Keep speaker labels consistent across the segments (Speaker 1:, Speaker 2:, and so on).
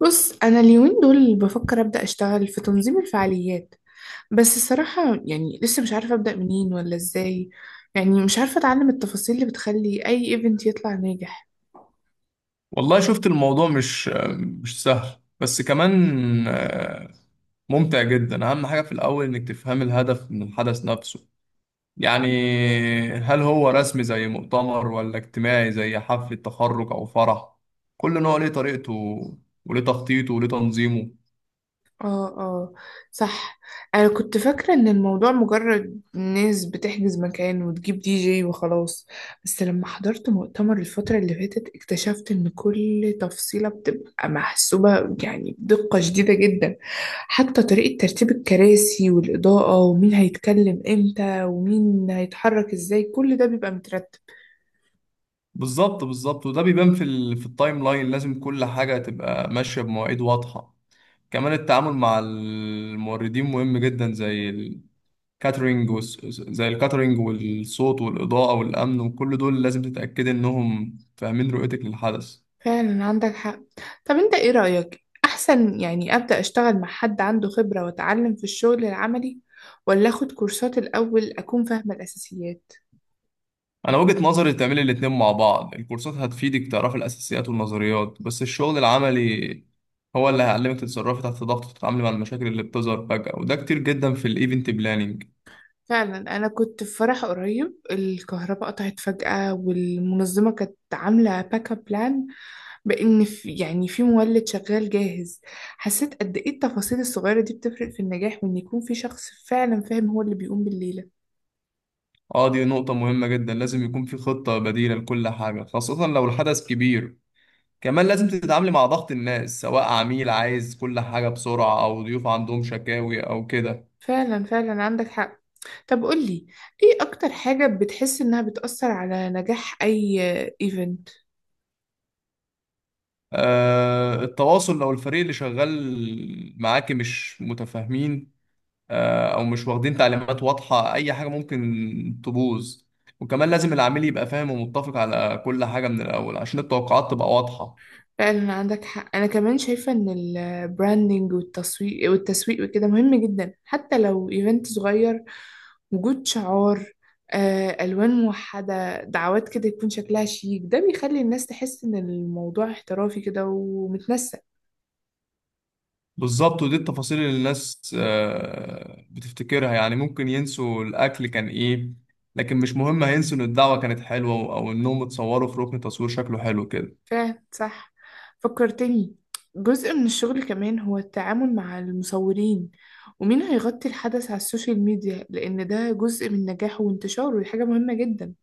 Speaker 1: بص، أنا اليومين دول بفكر أبدأ أشتغل في تنظيم الفعاليات. بس الصراحة يعني لسه مش عارفة أبدأ منين ولا إزاي. يعني مش عارفة أتعلم التفاصيل اللي بتخلي أي إيفنت يطلع ناجح.
Speaker 2: والله شفت الموضوع مش سهل، بس كمان آه، ممتع جدا. اهم حاجة في الاول انك تفهم الهدف من الحدث نفسه، يعني هل هو رسمي زي مؤتمر ولا اجتماعي زي حفلة تخرج او فرح؟ كل نوع ليه طريقته وليه تخطيطه وليه تنظيمه.
Speaker 1: اه، اه، صح. انا كنت فاكرة ان الموضوع مجرد ناس بتحجز مكان وتجيب دي جي وخلاص. بس لما حضرت مؤتمر الفترة اللي فاتت اكتشفت ان كل تفصيلة بتبقى محسوبة، يعني بدقة شديدة جدا. حتى طريقة ترتيب الكراسي والإضاءة ومين هيتكلم امتى ومين هيتحرك ازاي كل ده بيبقى مترتب.
Speaker 2: بالظبط وده بيبان في في التايم لاين. لازم كل حاجة تبقى ماشية بمواعيد واضحة. كمان التعامل مع الموردين مهم جدا، زي كاترينج زي الكاترينج والصوت والإضاءة والأمن، وكل دول لازم تتأكدي إنهم فاهمين رؤيتك للحدث.
Speaker 1: فعلا عندك حق. طب انت ايه رأيك، احسن يعني ابدأ اشتغل مع حد عنده خبرة واتعلم في الشغل العملي، ولا اخد كورسات الاول اكون فاهمة الاساسيات؟
Speaker 2: أنا وجهة نظري تعملي الاتنين مع بعض، الكورسات هتفيدك تعرفي الأساسيات والنظريات، بس الشغل العملي هو اللي هيعلمك تتصرفي تحت ضغط وتتعاملي مع المشاكل اللي بتظهر فجأة، وده كتير جدا في الإيفنت بلانينج.
Speaker 1: فعلا، انا كنت في فرح قريب الكهرباء قطعت فجأة، والمنظمة كانت عاملة باك اب بلان. بان في، يعني في مولد شغال جاهز. حسيت قد ايه التفاصيل الصغيرة دي بتفرق في النجاح، وان يكون في شخص فعلا فاهم هو اللي بيقوم بالليلة.
Speaker 2: اه، دي نقطة مهمة جدا، لازم يكون في خطة بديلة لكل حاجة، خاصة لو الحدث كبير. كمان لازم تتعاملي مع ضغط الناس، سواء عميل عايز كل حاجة بسرعة أو ضيوف عندهم شكاوي أو كده.
Speaker 1: فعلا فعلا عندك حق. طب قولي، ايه اكتر حاجة بتحس انها بتأثر على نجاح اي ايفنت؟
Speaker 2: التواصل، لو الفريق اللي شغال معاكي مش متفاهمين، أو مش واخدين تعليمات واضحة، أي حاجة ممكن تبوظ. وكمان لازم العميل يبقى فاهم ومتفق على كل حاجة من الأول، عشان التوقعات تبقى واضحة.
Speaker 1: فعلا عندك حق. انا كمان شايفة ان البراندنج والتسويق وكده مهم جدا حتى لو ايفنت صغير. وجود شعار، الوان موحدة، دعوات، كده يكون شكلها شيك، ده بيخلي الناس تحس ان الموضوع احترافي كده ومتنسق.
Speaker 2: بالظبط، ودي التفاصيل اللي الناس بتفتكرها، يعني ممكن ينسوا الأكل كان إيه، لكن مش مهم، هينسوا إن الدعوة كانت حلوة أو إنهم اتصوروا في ركن تصوير شكله حلو كده.
Speaker 1: فاهم، صح. فكرتني، جزء من الشغل كمان هو التعامل مع المصورين ومين هيغطي الحدث على السوشيال ميديا، لأن ده جزء من نجاحه وانتشاره، ودي حاجة مهمة جدا.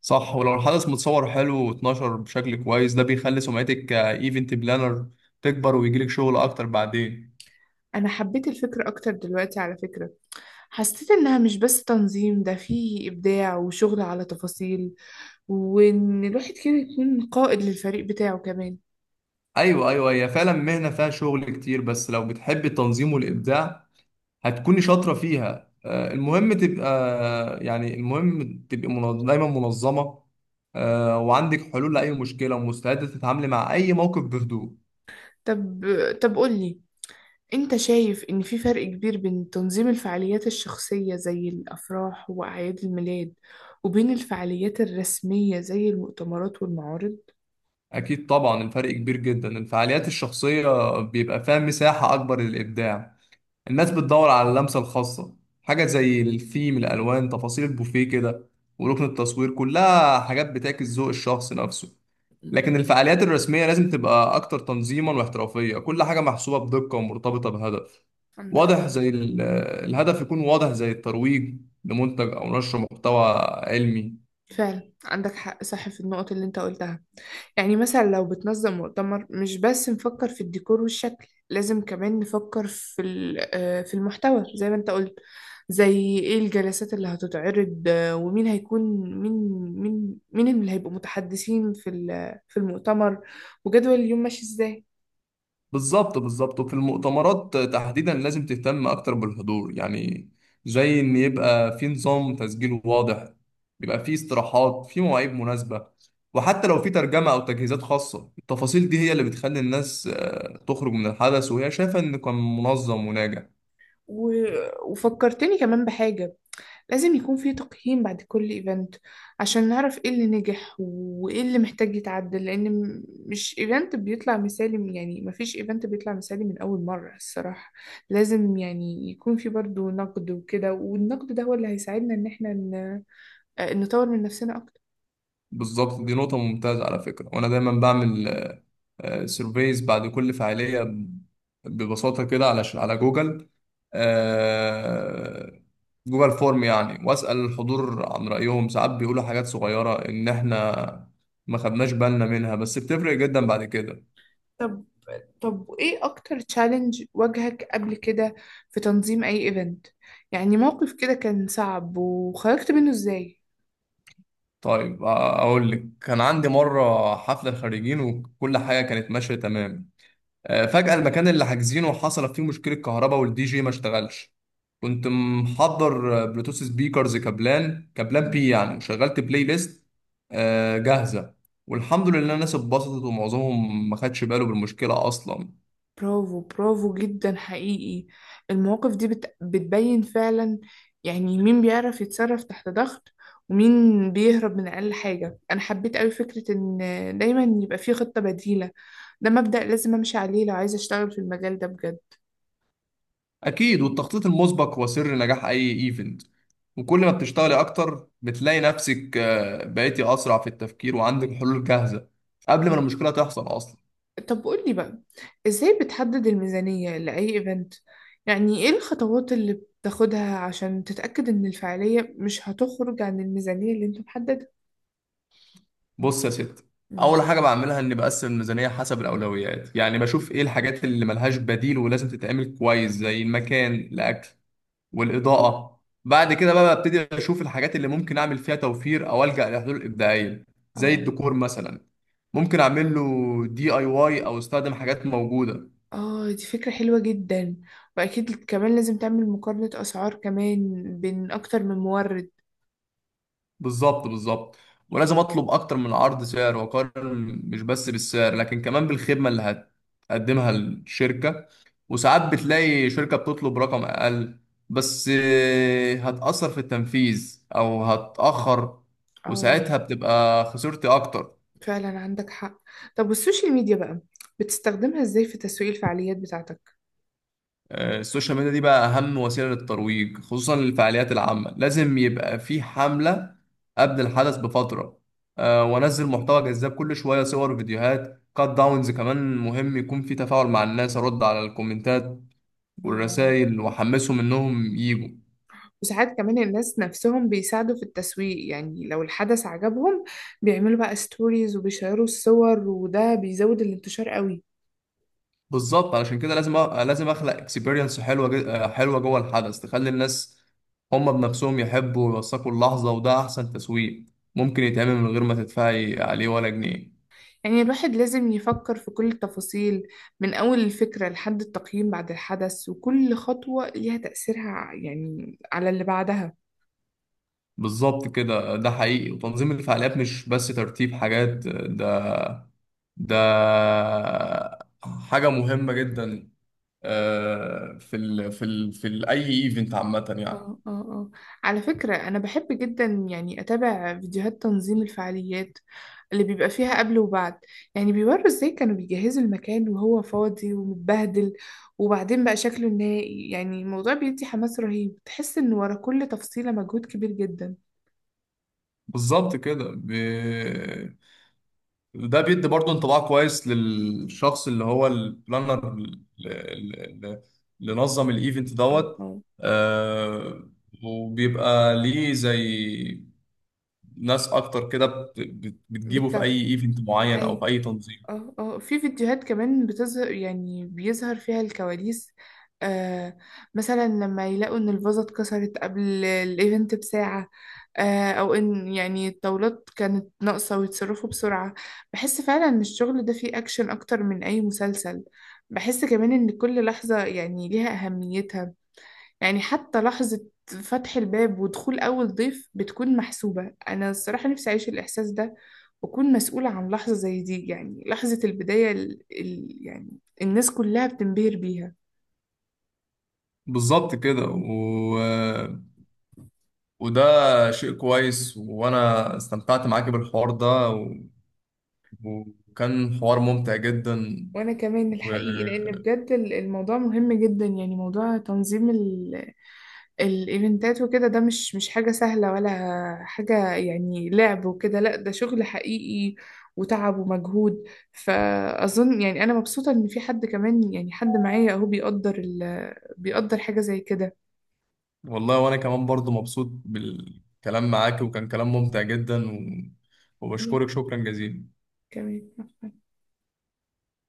Speaker 2: صح، ولو الحدث متصور حلو واتنشر بشكل كويس، ده بيخلي سمعتك كإيفنت بلانر تكبر ويجيلك شغل أكتر بعدين.
Speaker 1: أنا حبيت الفكرة أكتر دلوقتي على فكرة. حسيت إنها مش بس تنظيم، ده فيه إبداع وشغل على تفاصيل، وإن الواحد كده يكون قائد للفريق بتاعه كمان.
Speaker 2: أيوة، هي فعلا مهنة فيها شغل كتير، بس لو بتحب التنظيم والإبداع هتكوني شاطرة فيها. المهم تبقى، دايما منظمة، وعندك حلول لأي مشكلة، ومستعدة تتعاملي مع أي موقف بهدوء.
Speaker 1: طب طب قولي، أنت شايف إن في فرق كبير بين تنظيم الفعاليات الشخصية زي الأفراح وأعياد الميلاد وبين الفعاليات الرسمية زي المؤتمرات والمعارض؟
Speaker 2: أكيد طبعا، الفرق كبير جدا. الفعاليات الشخصية بيبقى فيها مساحة أكبر للإبداع، الناس بتدور على اللمسة الخاصة، حاجة زي الثيم، الألوان، تفاصيل البوفيه كده، وركن التصوير، كلها حاجات بتعكس ذوق الشخص نفسه.
Speaker 1: مم.
Speaker 2: لكن الفعاليات الرسمية لازم تبقى أكتر تنظيما واحترافية، كل حاجة محسوبة بدقة ومرتبطة بهدف
Speaker 1: عندك
Speaker 2: واضح، الهدف يكون واضح زي الترويج لمنتج أو نشر محتوى علمي.
Speaker 1: فعلا عندك حق، صح في النقط اللي أنت قلتها. يعني مثلا لو بتنظم مؤتمر مش بس نفكر في الديكور والشكل، لازم كمان نفكر في ال- آه، في المحتوى زي ما انت قلت. زي ايه الجلسات اللي هتتعرض، ومين هيكون مين مين مين اللي هيبقوا متحدثين في المؤتمر، وجدول اليوم ماشي ازاي.
Speaker 2: بالظبط، وفي المؤتمرات تحديدا لازم تهتم أكتر بالحضور، يعني زي إن يبقى في نظام تسجيل واضح، يبقى في استراحات في مواعيد مناسبة، وحتى لو في ترجمة أو تجهيزات خاصة، التفاصيل دي هي اللي بتخلي الناس تخرج من الحدث وهي شايفة إن كان منظم وناجح.
Speaker 1: وفكرتني كمان بحاجة، لازم يكون في تقييم بعد كل ايفنت عشان نعرف ايه اللي نجح وايه اللي محتاج يتعدل، لان مش ايفنت بيطلع مثالي، يعني مفيش ايفنت بيطلع مثالي من اول مرة الصراحة. لازم يعني يكون في برضو نقد وكده، والنقد ده هو اللي هيساعدنا ان احنا نطور من نفسنا اكتر.
Speaker 2: بالظبط، دي نقطة ممتازة على فكرة، وأنا دايما بعمل سيرفيز بعد كل فعالية، ببساطة كده، على على جوجل، آه، جوجل فورم يعني، وأسأل الحضور عن رأيهم. ساعات بيقولوا حاجات صغيرة إن إحنا ما خدناش بالنا منها، بس بتفرق جدا بعد كده.
Speaker 1: طب طب ايه اكتر تشالنج واجهك قبل كده في تنظيم اي ايفنت، يعني موقف كده كان صعب وخرجت منه ازاي؟
Speaker 2: طيب، أقول لك، كان عندي مرة حفلة خريجين وكل حاجة كانت ماشية تمام، فجأة المكان اللي حاجزينه حصلت فيه مشكلة كهرباء والدي جي ما اشتغلش. كنت محضر بلوتوث سبيكرز، كابلان بي يعني، وشغلت بلاي ليست جاهزة، والحمد لله الناس اتبسطت ومعظمهم ما خدش باله بالمشكلة أصلا.
Speaker 1: برافو، برافو جدا حقيقي. المواقف دي بتبين فعلا، يعني مين بيعرف يتصرف تحت ضغط ومين بيهرب من أقل حاجة. أنا حبيت أوي فكرة إن دايما يبقى في خطة بديلة، ده مبدأ لازم أمشي عليه لو عايزة أشتغل في المجال ده بجد.
Speaker 2: أكيد، والتخطيط المسبق هو سر نجاح أي إيفنت. وكل ما بتشتغلي أكتر بتلاقي نفسك بقيتي أسرع في التفكير وعندك حلول جاهزة قبل ما
Speaker 1: اه،
Speaker 2: المشكلة تحصل أصلا.
Speaker 1: طب قولي بقى، إزاي بتحدد الميزانية لأي إيفنت، يعني إيه الخطوات اللي بتاخدها عشان تتأكد إن الفعالية مش هتخرج عن الميزانية اللي أنت محددها؟
Speaker 2: بص يا ست،
Speaker 1: مم.
Speaker 2: اول حاجه بعملها اني بقسم الميزانيه حسب الاولويات، يعني بشوف ايه الحاجات اللي ملهاش بديل ولازم تتعمل كويس، زي المكان، الاكل، والاضاءه. بعد كده بقى ببتدي اشوف الحاجات اللي ممكن اعمل فيها توفير او الجا لحلول ابداعيه، زي
Speaker 1: آه.
Speaker 2: الديكور مثلا، ممكن اعمل له دي اي واي او استخدم حاجات موجوده.
Speaker 1: اه، دي فكرة حلوة جدا، وأكيد كمان لازم تعمل مقارنة أسعار كمان بين أكتر من مورد.
Speaker 2: بالظبط، ولازم اطلب اكتر من عرض سعر واقارن، مش بس بالسعر لكن كمان بالخدمه اللي هتقدمها الشركه. وساعات بتلاقي شركه بتطلب رقم اقل، بس هتاثر في التنفيذ او هتاخر،
Speaker 1: اه،
Speaker 2: وساعتها بتبقى خسرتي اكتر.
Speaker 1: فعلا عندك حق. طب والسوشيال ميديا بقى، بتستخدمها ازاي في تسويق الفعاليات بتاعتك؟
Speaker 2: السوشيال ميديا دي بقى أهم وسيلة للترويج، خصوصا للفعاليات العامة. لازم يبقى في حملة قبل الحدث بفترة، وأنزل محتوى جذاب كل شوية، صور وفيديوهات كات داونز. كمان مهم يكون في تفاعل مع الناس، أرد على الكومنتات
Speaker 1: اه،
Speaker 2: والرسائل وأحمسهم إنهم يجوا.
Speaker 1: وساعات كمان الناس نفسهم بيساعدوا في التسويق، يعني لو الحدث عجبهم بيعملوا بقى ستوريز وبيشيروا الصور، وده بيزود الانتشار قوي.
Speaker 2: بالظبط، علشان كده لازم أخلق اكسبيرينس حلوة، حلوة جوه الحدث، تخلي الناس هما بنفسهم يحبوا ويوثقوا اللحظة، وده أحسن تسويق ممكن يتعمل من غير ما تدفعي عليه ولا جنيه.
Speaker 1: يعني الواحد لازم يفكر في كل التفاصيل، من أول الفكرة لحد التقييم بعد الحدث، وكل خطوة ليها تأثيرها يعني على اللي بعدها.
Speaker 2: بالظبط كده، ده حقيقي. وتنظيم الفعاليات مش بس ترتيب حاجات، ده حاجة مهمة جدا في ال في ال في ال أي ايفنت عامة يعني.
Speaker 1: اه، اه، اه، على فكرة أنا بحب جدا يعني أتابع فيديوهات تنظيم الفعاليات اللي بيبقى فيها قبل وبعد، يعني بيوروا ازاي كانوا بيجهزوا المكان وهو فاضي ومتبهدل، وبعدين بقى شكله النهائي. يعني الموضوع بيدي حماس رهيب، تحس إن ورا كل تفصيلة مجهود كبير جدا.
Speaker 2: بالظبط كده. ده بيدي برضه انطباع كويس للشخص اللي هو البلانر اللي نظم الايفنت
Speaker 1: اه،
Speaker 2: دوت.
Speaker 1: اه،
Speaker 2: آه، وبيبقى ليه زي ناس اكتر كده بتجيبه في
Speaker 1: بالطبع،
Speaker 2: اي ايفنت معين او في
Speaker 1: أيوة،
Speaker 2: اي تنظيم.
Speaker 1: اه، اه، في فيديوهات كمان يعني بيظهر فيها الكواليس. آه مثلا لما يلاقوا ان الفازة اتكسرت قبل الايفنت بساعة، او ان يعني الطاولات كانت ناقصة ويتصرفوا بسرعة. بحس فعلا ان الشغل ده فيه اكشن اكتر من اي مسلسل. بحس كمان ان كل لحظة يعني ليها اهميتها، يعني حتى لحظة فتح الباب ودخول اول ضيف بتكون محسوبة. انا الصراحة نفسي اعيش الاحساس ده، وأكون مسؤولة عن لحظة زي دي، يعني لحظة البداية يعني الناس كلها بتنبهر بيها.
Speaker 2: بالظبط كده. وده شيء كويس، وانا استمتعت معاك بالحوار ده وكان حوار ممتع جدا
Speaker 1: وأنا كمان
Speaker 2: و...
Speaker 1: الحقيقي، لأن بجد الموضوع مهم جدا، يعني موضوع تنظيم الإيفنتات وكده، ده مش حاجة سهلة ولا حاجة يعني لعب وكده. لأ، ده شغل حقيقي وتعب ومجهود. فأظن يعني أنا مبسوطة إن في حد كمان، يعني حد معايا أهو بيقدر حاجة زي كده.
Speaker 2: والله وانا كمان برضو مبسوط بالكلام معاك، وكان كلام ممتع جدا
Speaker 1: أنا
Speaker 2: وبشكرك شكرا جزيلا.
Speaker 1: كمان